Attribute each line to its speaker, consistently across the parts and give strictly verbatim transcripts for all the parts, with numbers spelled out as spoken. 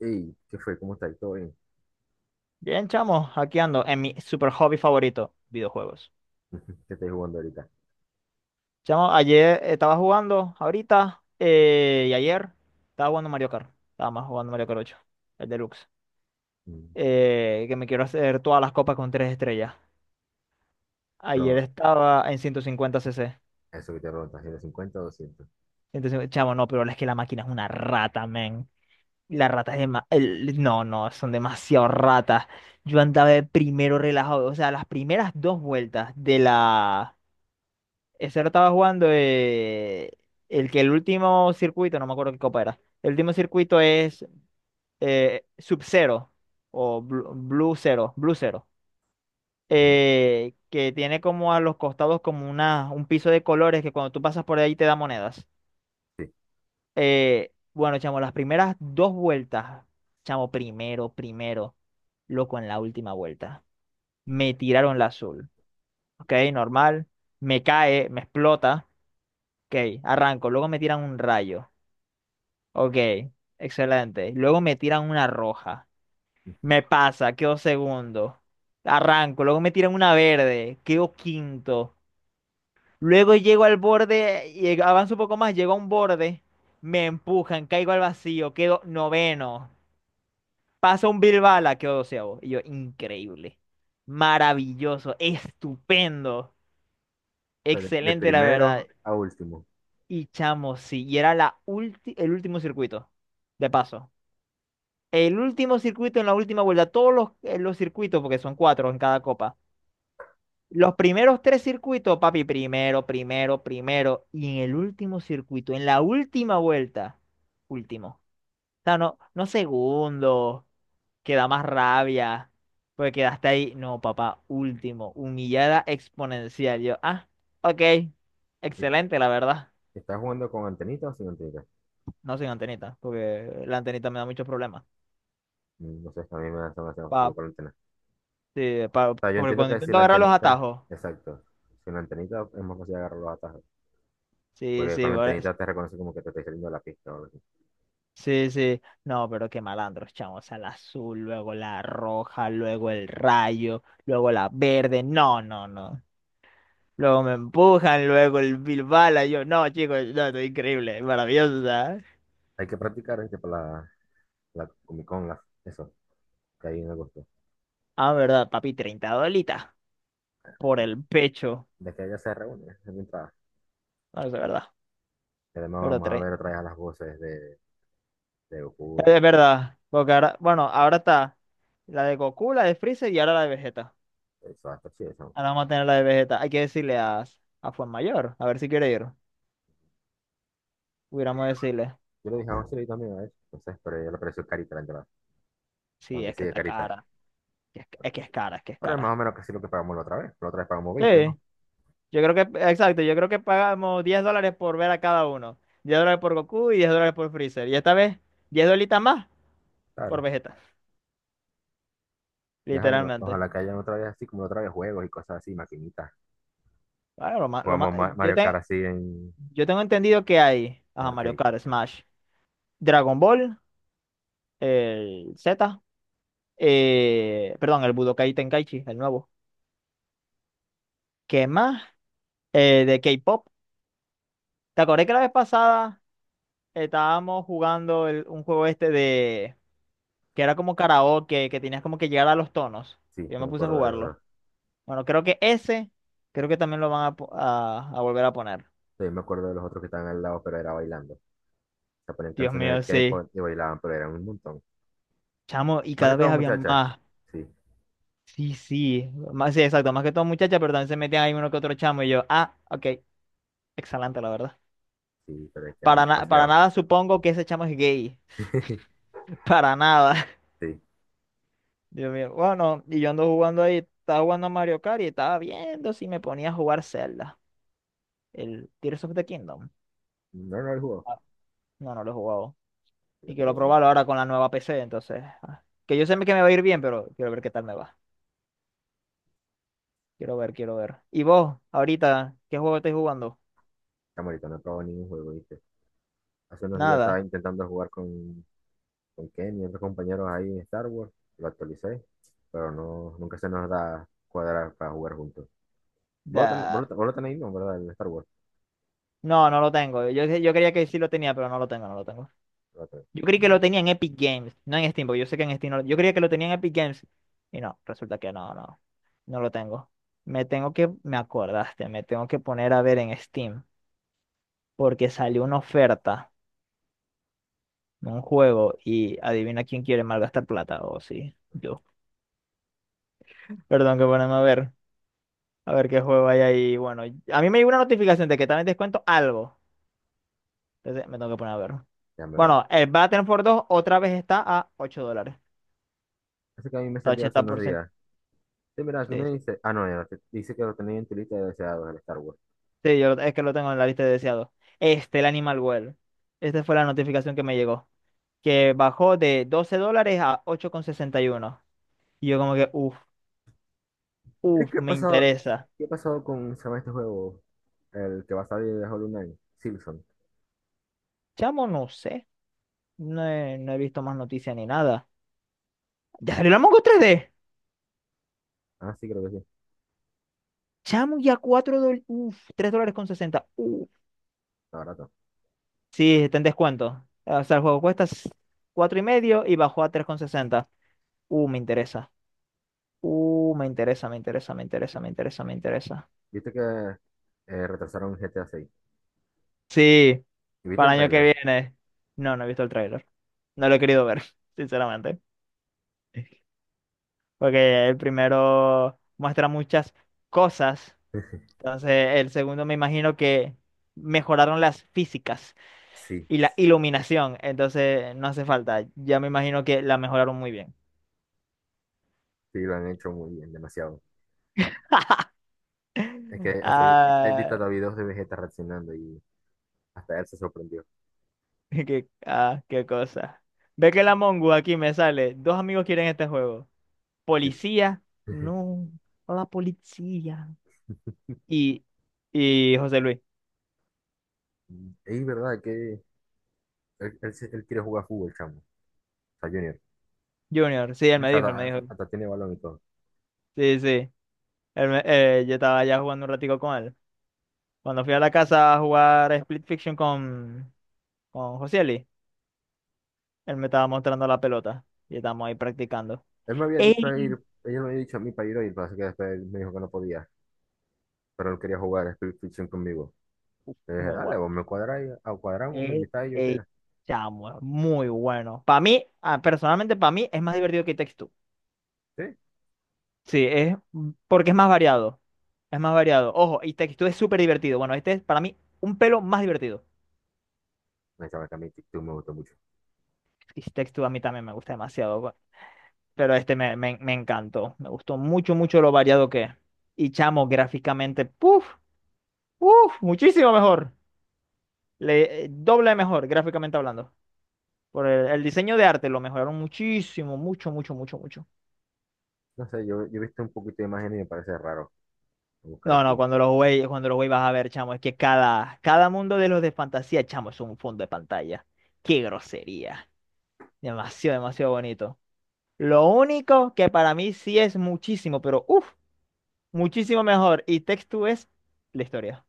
Speaker 1: Ey, ¿qué fue? ¿Cómo estáis? ¿Todo bien?
Speaker 2: Bien, chamo, aquí ando en mi super hobby favorito, videojuegos.
Speaker 1: ¿Qué estáis jugando ahorita?
Speaker 2: Chamo, ayer estaba jugando, ahorita eh, y ayer estaba jugando Mario Kart. Estaba más jugando Mario Kart ocho, el deluxe.
Speaker 1: Mm.
Speaker 2: Eh, que me quiero hacer todas las copas con tres estrellas. Ayer
Speaker 1: Pero
Speaker 2: estaba en ciento cincuenta cc.
Speaker 1: eso que te preguntas, ¿si cincuenta 50 o doscientos?
Speaker 2: Entonces, chamo, no, pero es que la máquina es una rata, men. La rata es dema- el- No, no, son demasiado ratas. Yo andaba de primero relajado. O sea, las primeras dos vueltas de la. Ese lo estaba jugando eh, El que el último circuito, no me acuerdo qué copa era. El último circuito es eh, Sub-Zero o Blu- Blue Zero, Blue Zero,
Speaker 1: Ujú.
Speaker 2: eh, que tiene como a los costados como una, un piso de colores que cuando tú pasas por ahí te da monedas.
Speaker 1: Sí.
Speaker 2: Eh, bueno, chamo, las primeras dos vueltas, chamo, primero, primero, loco, en la última vuelta. Me tiraron la azul, ok, normal, me cae, me explota, ok, arranco, luego me tiran un rayo. Ok, excelente. Luego me tiran una roja. Me pasa, quedo segundo. Arranco, luego me tiran una verde, quedo quinto. Luego llego al borde, y avanzo un poco más, llego a un borde, me empujan, caigo al vacío, quedo noveno. Pasa un Bilbala, quedo doceavo. Y yo, increíble, maravilloso, estupendo,
Speaker 1: O sea, de, de
Speaker 2: excelente la verdad.
Speaker 1: primero a último.
Speaker 2: Y chamo, sí, y era la ulti- el último circuito, de paso. El último circuito en la última vuelta, todos los, eh, los circuitos, porque son cuatro en cada copa. Los primeros tres circuitos, papi, primero, primero, primero. Y en el último circuito, en la última vuelta, último. O sea, no, no segundo, que da más rabia, porque quedaste ahí. No, papá, último, humillada exponencial. Yo, ah, ok,
Speaker 1: ¿Y
Speaker 2: excelente, la verdad.
Speaker 1: ¿Estás jugando con antenita o sin antenita?
Speaker 2: No sin antenita, porque la antenita me da muchos problemas.
Speaker 1: Mm. No sé, a mí me da demasiado fácil
Speaker 2: Pa,
Speaker 1: con la antena.
Speaker 2: sí, pa-
Speaker 1: O sea, yo
Speaker 2: porque
Speaker 1: entiendo
Speaker 2: cuando
Speaker 1: que si
Speaker 2: intento
Speaker 1: la
Speaker 2: agarrar los
Speaker 1: antenita,
Speaker 2: atajos.
Speaker 1: exacto. Sin la antenita es más fácil agarrar los atajos.
Speaker 2: Sí,
Speaker 1: Porque con
Speaker 2: sí,
Speaker 1: la
Speaker 2: por eso.
Speaker 1: antenita te reconoce como que te está saliendo de la pista o algo así.
Speaker 2: Sí, sí. No, pero qué malandros, chamo. O sea, la azul, luego la roja, luego el rayo, luego la verde. No, no, no. Luego me empujan, luego el Bilbala. Yo, no, chicos, no, esto es increíble, maravilloso, ¿sabes?
Speaker 1: Hay que practicar, ¿viste? Para la, la Comic Con, la- eso, que ahí en agosto.
Speaker 2: Ah, verdad, papi, treinta dolitas por
Speaker 1: De,
Speaker 2: el pecho.
Speaker 1: de que ella se reúne, es mi entrada.
Speaker 2: No, es verdad,
Speaker 1: Y además
Speaker 2: pero
Speaker 1: vamos a
Speaker 2: tres.
Speaker 1: ver otra vez a las voces de, de, Goku,
Speaker 2: Es
Speaker 1: de,
Speaker 2: verdad, porque ahora, bueno, ahora está la de Goku, la de Freezer y ahora la de Vegeta.
Speaker 1: de Soda Stereo, sí, de
Speaker 2: Ahora vamos a tener la de Vegeta. Hay que decirle a, a Mayor, a ver si quiere ir. Hubiéramos decirle.
Speaker 1: Yo le dije a José también a eso, entonces, pero yo le pareció carita la entrada,
Speaker 2: Sí,
Speaker 1: aunque
Speaker 2: es
Speaker 1: sí
Speaker 2: que
Speaker 1: de
Speaker 2: está
Speaker 1: carita.
Speaker 2: cara. Es que es, que es cara, es que es
Speaker 1: Pero es más
Speaker 2: cara.
Speaker 1: o menos casi lo que pagamos la otra vez, la otra vez pagamos
Speaker 2: Sí,
Speaker 1: veinte, ¿no?
Speaker 2: yo creo que, exacto, yo creo que pagamos diez dólares por ver a cada uno. Diez dólares por Goku y diez dólares por Freezer. Y esta vez, diez dolitas más por
Speaker 1: Claro.
Speaker 2: Vegeta,
Speaker 1: Y ajá, o-
Speaker 2: literalmente.
Speaker 1: ojalá que hayan otra vez así, como la otra vez juegos y cosas así, maquinitas.
Speaker 2: Claro, lo más, lo más,
Speaker 1: Jugamos
Speaker 2: eh,
Speaker 1: Ma-
Speaker 2: yo,
Speaker 1: Mario Kart
Speaker 2: te-
Speaker 1: así en,
Speaker 2: yo tengo entendido que hay,
Speaker 1: en
Speaker 2: ajá, Mario
Speaker 1: arcade.
Speaker 2: Kart, Smash, Dragon Ball, el Z, eh, perdón, el Budokai Tenkaichi, el nuevo. ¿Qué más? Eh, de K-pop. ¿Te acordás que la vez pasada estábamos jugando el- un juego este que era como karaoke, que tenías como que llegar a los tonos?
Speaker 1: Sí,
Speaker 2: Yo
Speaker 1: no
Speaker 2: me
Speaker 1: me
Speaker 2: puse a
Speaker 1: acuerdo de
Speaker 2: jugarlo.
Speaker 1: eso.
Speaker 2: Bueno, creo que ese, creo que también lo van a, po- a, a volver a poner.
Speaker 1: Sí, me acuerdo de los otros que estaban al lado, pero era bailando. Se ponían
Speaker 2: Dios
Speaker 1: canciones de
Speaker 2: mío, sí.
Speaker 1: K-pop y bailaban, pero eran un montón.
Speaker 2: Chamo, y
Speaker 1: Más que
Speaker 2: cada vez
Speaker 1: todo
Speaker 2: había
Speaker 1: muchachas.
Speaker 2: más.
Speaker 1: Sí,
Speaker 2: Sí, sí. Más, sí, exacto. Más que todo muchachas, pero también se metían ahí uno que otro chamo. Y yo, ah, ok. Excelente, la verdad.
Speaker 1: sí, pero es que eran
Speaker 2: Para, na- para
Speaker 1: demasiado.
Speaker 2: nada supongo que ese chamo es gay. Para nada.
Speaker 1: Sí.
Speaker 2: Dios mío. Bueno, y yo ando jugando ahí. Estaba jugando a Mario Kart y estaba viendo si me ponía a jugar Zelda. El Tears of the Kingdom.
Speaker 1: No, no el juego.
Speaker 2: Ah, no, no lo he jugado.
Speaker 1: Lo
Speaker 2: Y
Speaker 1: que lo
Speaker 2: quiero
Speaker 1: llaman.
Speaker 2: probarlo ahora con la nueva P C, entonces. ah, Que yo sé que me va a ir bien, pero quiero ver qué tal me va. Quiero ver, quiero ver. ¿Y vos, ahorita, qué juego estáis jugando?
Speaker 1: Camarita, no he probado ningún juego, ¿viste? Hace unos días estaba
Speaker 2: Nada.
Speaker 1: intentando jugar con, con Ken y otros compañeros ahí en Star Wars. Lo actualicé, pero no, nunca se nos da cuadrar para jugar juntos. Vos lo, ten- vos
Speaker 2: Da.
Speaker 1: lo te- vos lo tenéis, ¿no? ¿Verdad? El Star Wars.
Speaker 2: No, no lo tengo. Yo, yo creía que sí lo tenía, pero no lo tengo, no lo tengo.
Speaker 1: Lo tenés.
Speaker 2: Yo creí que
Speaker 1: Mm.
Speaker 2: lo tenía en Epic Games, no en Steam, porque yo sé que en Steam no lo- yo creía que lo tenía en Epic Games. Y no, resulta que no, no, no lo tengo. Me tengo que, me acordaste, me tengo que poner a ver en Steam, porque salió una oferta, de un juego, y adivina quién quiere malgastar plata, o sí. yo Perdón que ponerme a ver, a ver qué juego hay ahí. Bueno, a mí me llegó una notificación de que también descuento algo. Entonces me tengo que poner a ver.
Speaker 1: Déjame ver.
Speaker 2: Bueno, el Battlefield dos otra vez está a ocho dólares.
Speaker 1: Así que a mí me
Speaker 2: Está
Speaker 1: salió hace unos
Speaker 2: ochenta por ciento.
Speaker 1: días. Sí, mira, ¿qué
Speaker 2: Sí,
Speaker 1: me
Speaker 2: sí,
Speaker 1: dice? Ah, no, ya, no, te- dice que lo tenéis en tu lista de deseados, el Star Wars.
Speaker 2: sí, yo lo- es que lo tengo en la lista de deseados. Este, el Animal Well. Esta fue la notificación que me llegó. Que bajó de doce dólares a ocho coma sesenta y uno, y yo como que, uff,
Speaker 1: ¿Pero
Speaker 2: uff,
Speaker 1: ¿Qué ha
Speaker 2: me
Speaker 1: pasado?
Speaker 2: interesa.
Speaker 1: ¿Qué ha pasado con, se llama este juego? El que va a salir de Hollow Knight. Silson.
Speaker 2: Chamo, no sé. No he, no he visto más noticias ni nada. ¿Ya salió la Mongo tres D?
Speaker 1: Ah, sí, creo que sí.
Speaker 2: Chamo, ya cuatro dólares. Uf, tres dólares con sesenta. Uf.
Speaker 1: Está barato.
Speaker 2: Sí, está en descuento. O sea, el juego cuesta s- cuatro y medio y bajó a tres con sesenta. Uh, me interesa. Uh, me interesa, me interesa, me interesa, me interesa, me interesa.
Speaker 1: ¿Viste que eh, retrasaron G T A seis?
Speaker 2: Sí,
Speaker 1: ¿Y viste el
Speaker 2: para el año que
Speaker 1: tráiler?
Speaker 2: viene. No, no he visto el tráiler. No lo he querido ver, sinceramente. Porque el primero muestra muchas cosas. Entonces, el segundo me imagino que mejoraron las físicas
Speaker 1: Sí,
Speaker 2: y la iluminación. Entonces no hace falta. Ya me imagino que la mejoraron muy bien.
Speaker 1: sí, lo han hecho muy bien, demasiado. Es que hasta vi- he visto
Speaker 2: Ah,
Speaker 1: hasta videos de Vegeta reaccionando y hasta él se sorprendió.
Speaker 2: qué, ah, qué cosa. Ve que la Mongo aquí me sale. Dos amigos quieren este juego.
Speaker 1: Sí.
Speaker 2: Policía. No, no la policía. Y, y José Luis.
Speaker 1: Es verdad que él, él se- él quiere jugar fútbol, chamo. O sea, Junior.
Speaker 2: Junior. Sí,
Speaker 1: O
Speaker 2: él me
Speaker 1: sea,
Speaker 2: dijo, él me
Speaker 1: hasta,
Speaker 2: dijo.
Speaker 1: hasta- hasta tiene balón y todo.
Speaker 2: Sí, sí. Él me- eh, yo estaba ya jugando un ratico con él. Cuando fui a la casa a jugar Split Fiction con, con Josieli, él me estaba mostrando la pelota. Y estamos ahí practicando.
Speaker 1: Él me había dicho a
Speaker 2: Ey,
Speaker 1: ir, ella me había dicho a mí para ir hoy, pero así que después él me dijo que no podía. Pero él quería jugar Split Fiction conmigo.
Speaker 2: uf,
Speaker 1: Le dije,
Speaker 2: muy
Speaker 1: dale,
Speaker 2: bueno.
Speaker 1: vos me cuadráis, a cuadramos, me
Speaker 2: Ey,
Speaker 1: invitáis y yo qué.
Speaker 2: ey, chamo, es muy bueno. Para mí, ah, personalmente, para mí es más divertido que Takes Two.
Speaker 1: Sí.
Speaker 2: Sí, es mm, porque es más variado. Es más variado. Ojo, y Takes Two es súper divertido. Bueno, este es para mí un pelo más divertido.
Speaker 1: Me dice, "Chamo, que a mí TikTok me gustó mucho.
Speaker 2: Y Takes Two a mí también me gusta demasiado. bu- Pero este me, me, me encantó. Me gustó mucho, mucho lo variado que es. Y chamo, gráficamente, puff, puf, muchísimo mejor. Le, eh, doble mejor, gráficamente hablando. Por el, el diseño de arte lo mejoraron muchísimo, mucho, mucho, mucho, mucho.
Speaker 1: No sé, yo, yo he visto un poquito de imagen y me parece raro buscar
Speaker 2: No, no,
Speaker 1: aquí.
Speaker 2: cuando lo jugué, cuando lo jugué vas a ver, chamo, es que cada, cada mundo de los de fantasía, chamo, es un fondo de pantalla. Qué grosería. Demasiado, demasiado bonito. Lo único que para mí sí es muchísimo, pero uff, muchísimo mejor. Y Text to es la historia.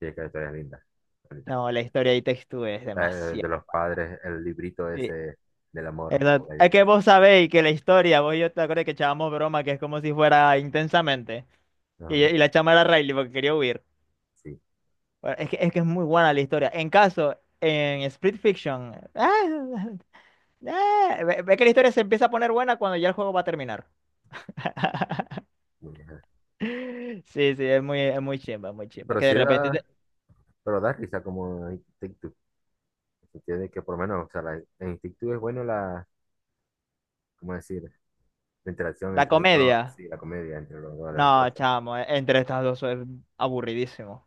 Speaker 1: Sí, qué historia linda, bonita.
Speaker 2: No, la historia y Text to es
Speaker 1: La de, de
Speaker 2: demasiado.
Speaker 1: los padres, el librito
Speaker 2: Sí,
Speaker 1: ese del amor. ¿No?
Speaker 2: exacto.
Speaker 1: La-
Speaker 2: Es que vos sabéis que la historia, vos y yo te acuerdas que echábamos broma, que es como si fuera intensamente. Y,
Speaker 1: Ajá,
Speaker 2: y la chama era Riley porque quería huir.
Speaker 1: sí,
Speaker 2: Bueno, es que, es que es muy buena la historia. En caso, en Split Fiction, ah, ah, ve, ve que la historia se empieza a poner buena cuando ya el juego va a terminar.
Speaker 1: muy bien.
Speaker 2: Sí, sí, es muy, es muy chimba, muy chimba.
Speaker 1: Pero
Speaker 2: Que de
Speaker 1: sí
Speaker 2: repente
Speaker 1: da,
Speaker 2: te-
Speaker 1: pero da risa como en TikTok. Se entiende que por lo menos, o sea, la- en TikTok es bueno la, ¿cómo decir? La interacción
Speaker 2: La
Speaker 1: entre los dos,
Speaker 2: comedia,
Speaker 1: sí, la comedia entre los dos, las
Speaker 2: no,
Speaker 1: esposas.
Speaker 2: chamo, e- entre estas dos es aburridísimo.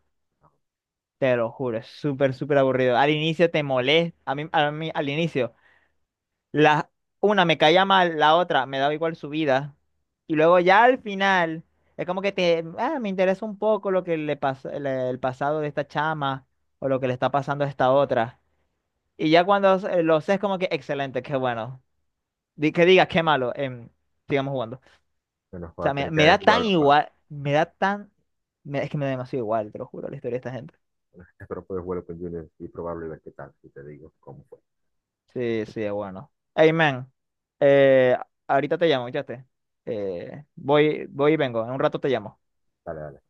Speaker 2: Te lo juro, es súper, súper aburrido. Al inicio te molesta, a mí, a mí al inicio. La, una me caía mal, la otra me daba igual su vida. Y luego ya al final, es como que te, ah, me interesa un poco lo que le pasó, el, el pasado de esta chama o lo que le está pasando a esta otra. Y ya cuando eh, lo sé, es como que excelente, qué bueno. Di- que digas, qué malo, em, sigamos jugando. O
Speaker 1: Bueno, voy a
Speaker 2: sea, me,
Speaker 1: tener
Speaker 2: me
Speaker 1: que
Speaker 2: da tan
Speaker 1: jugarlo, para
Speaker 2: igual, me da tan, me- es que me da demasiado igual, te lo juro, la historia de esta gente.
Speaker 1: Espero poder jugarlo con Junior y probarlo y ver qué tal. Y te digo cómo fue.
Speaker 2: Sí, sí, es bueno. Hey, man, eh, ahorita te llamo, ¿escuchaste? Eh, voy, voy y vengo, en un rato te llamo.
Speaker 1: Dale, dale.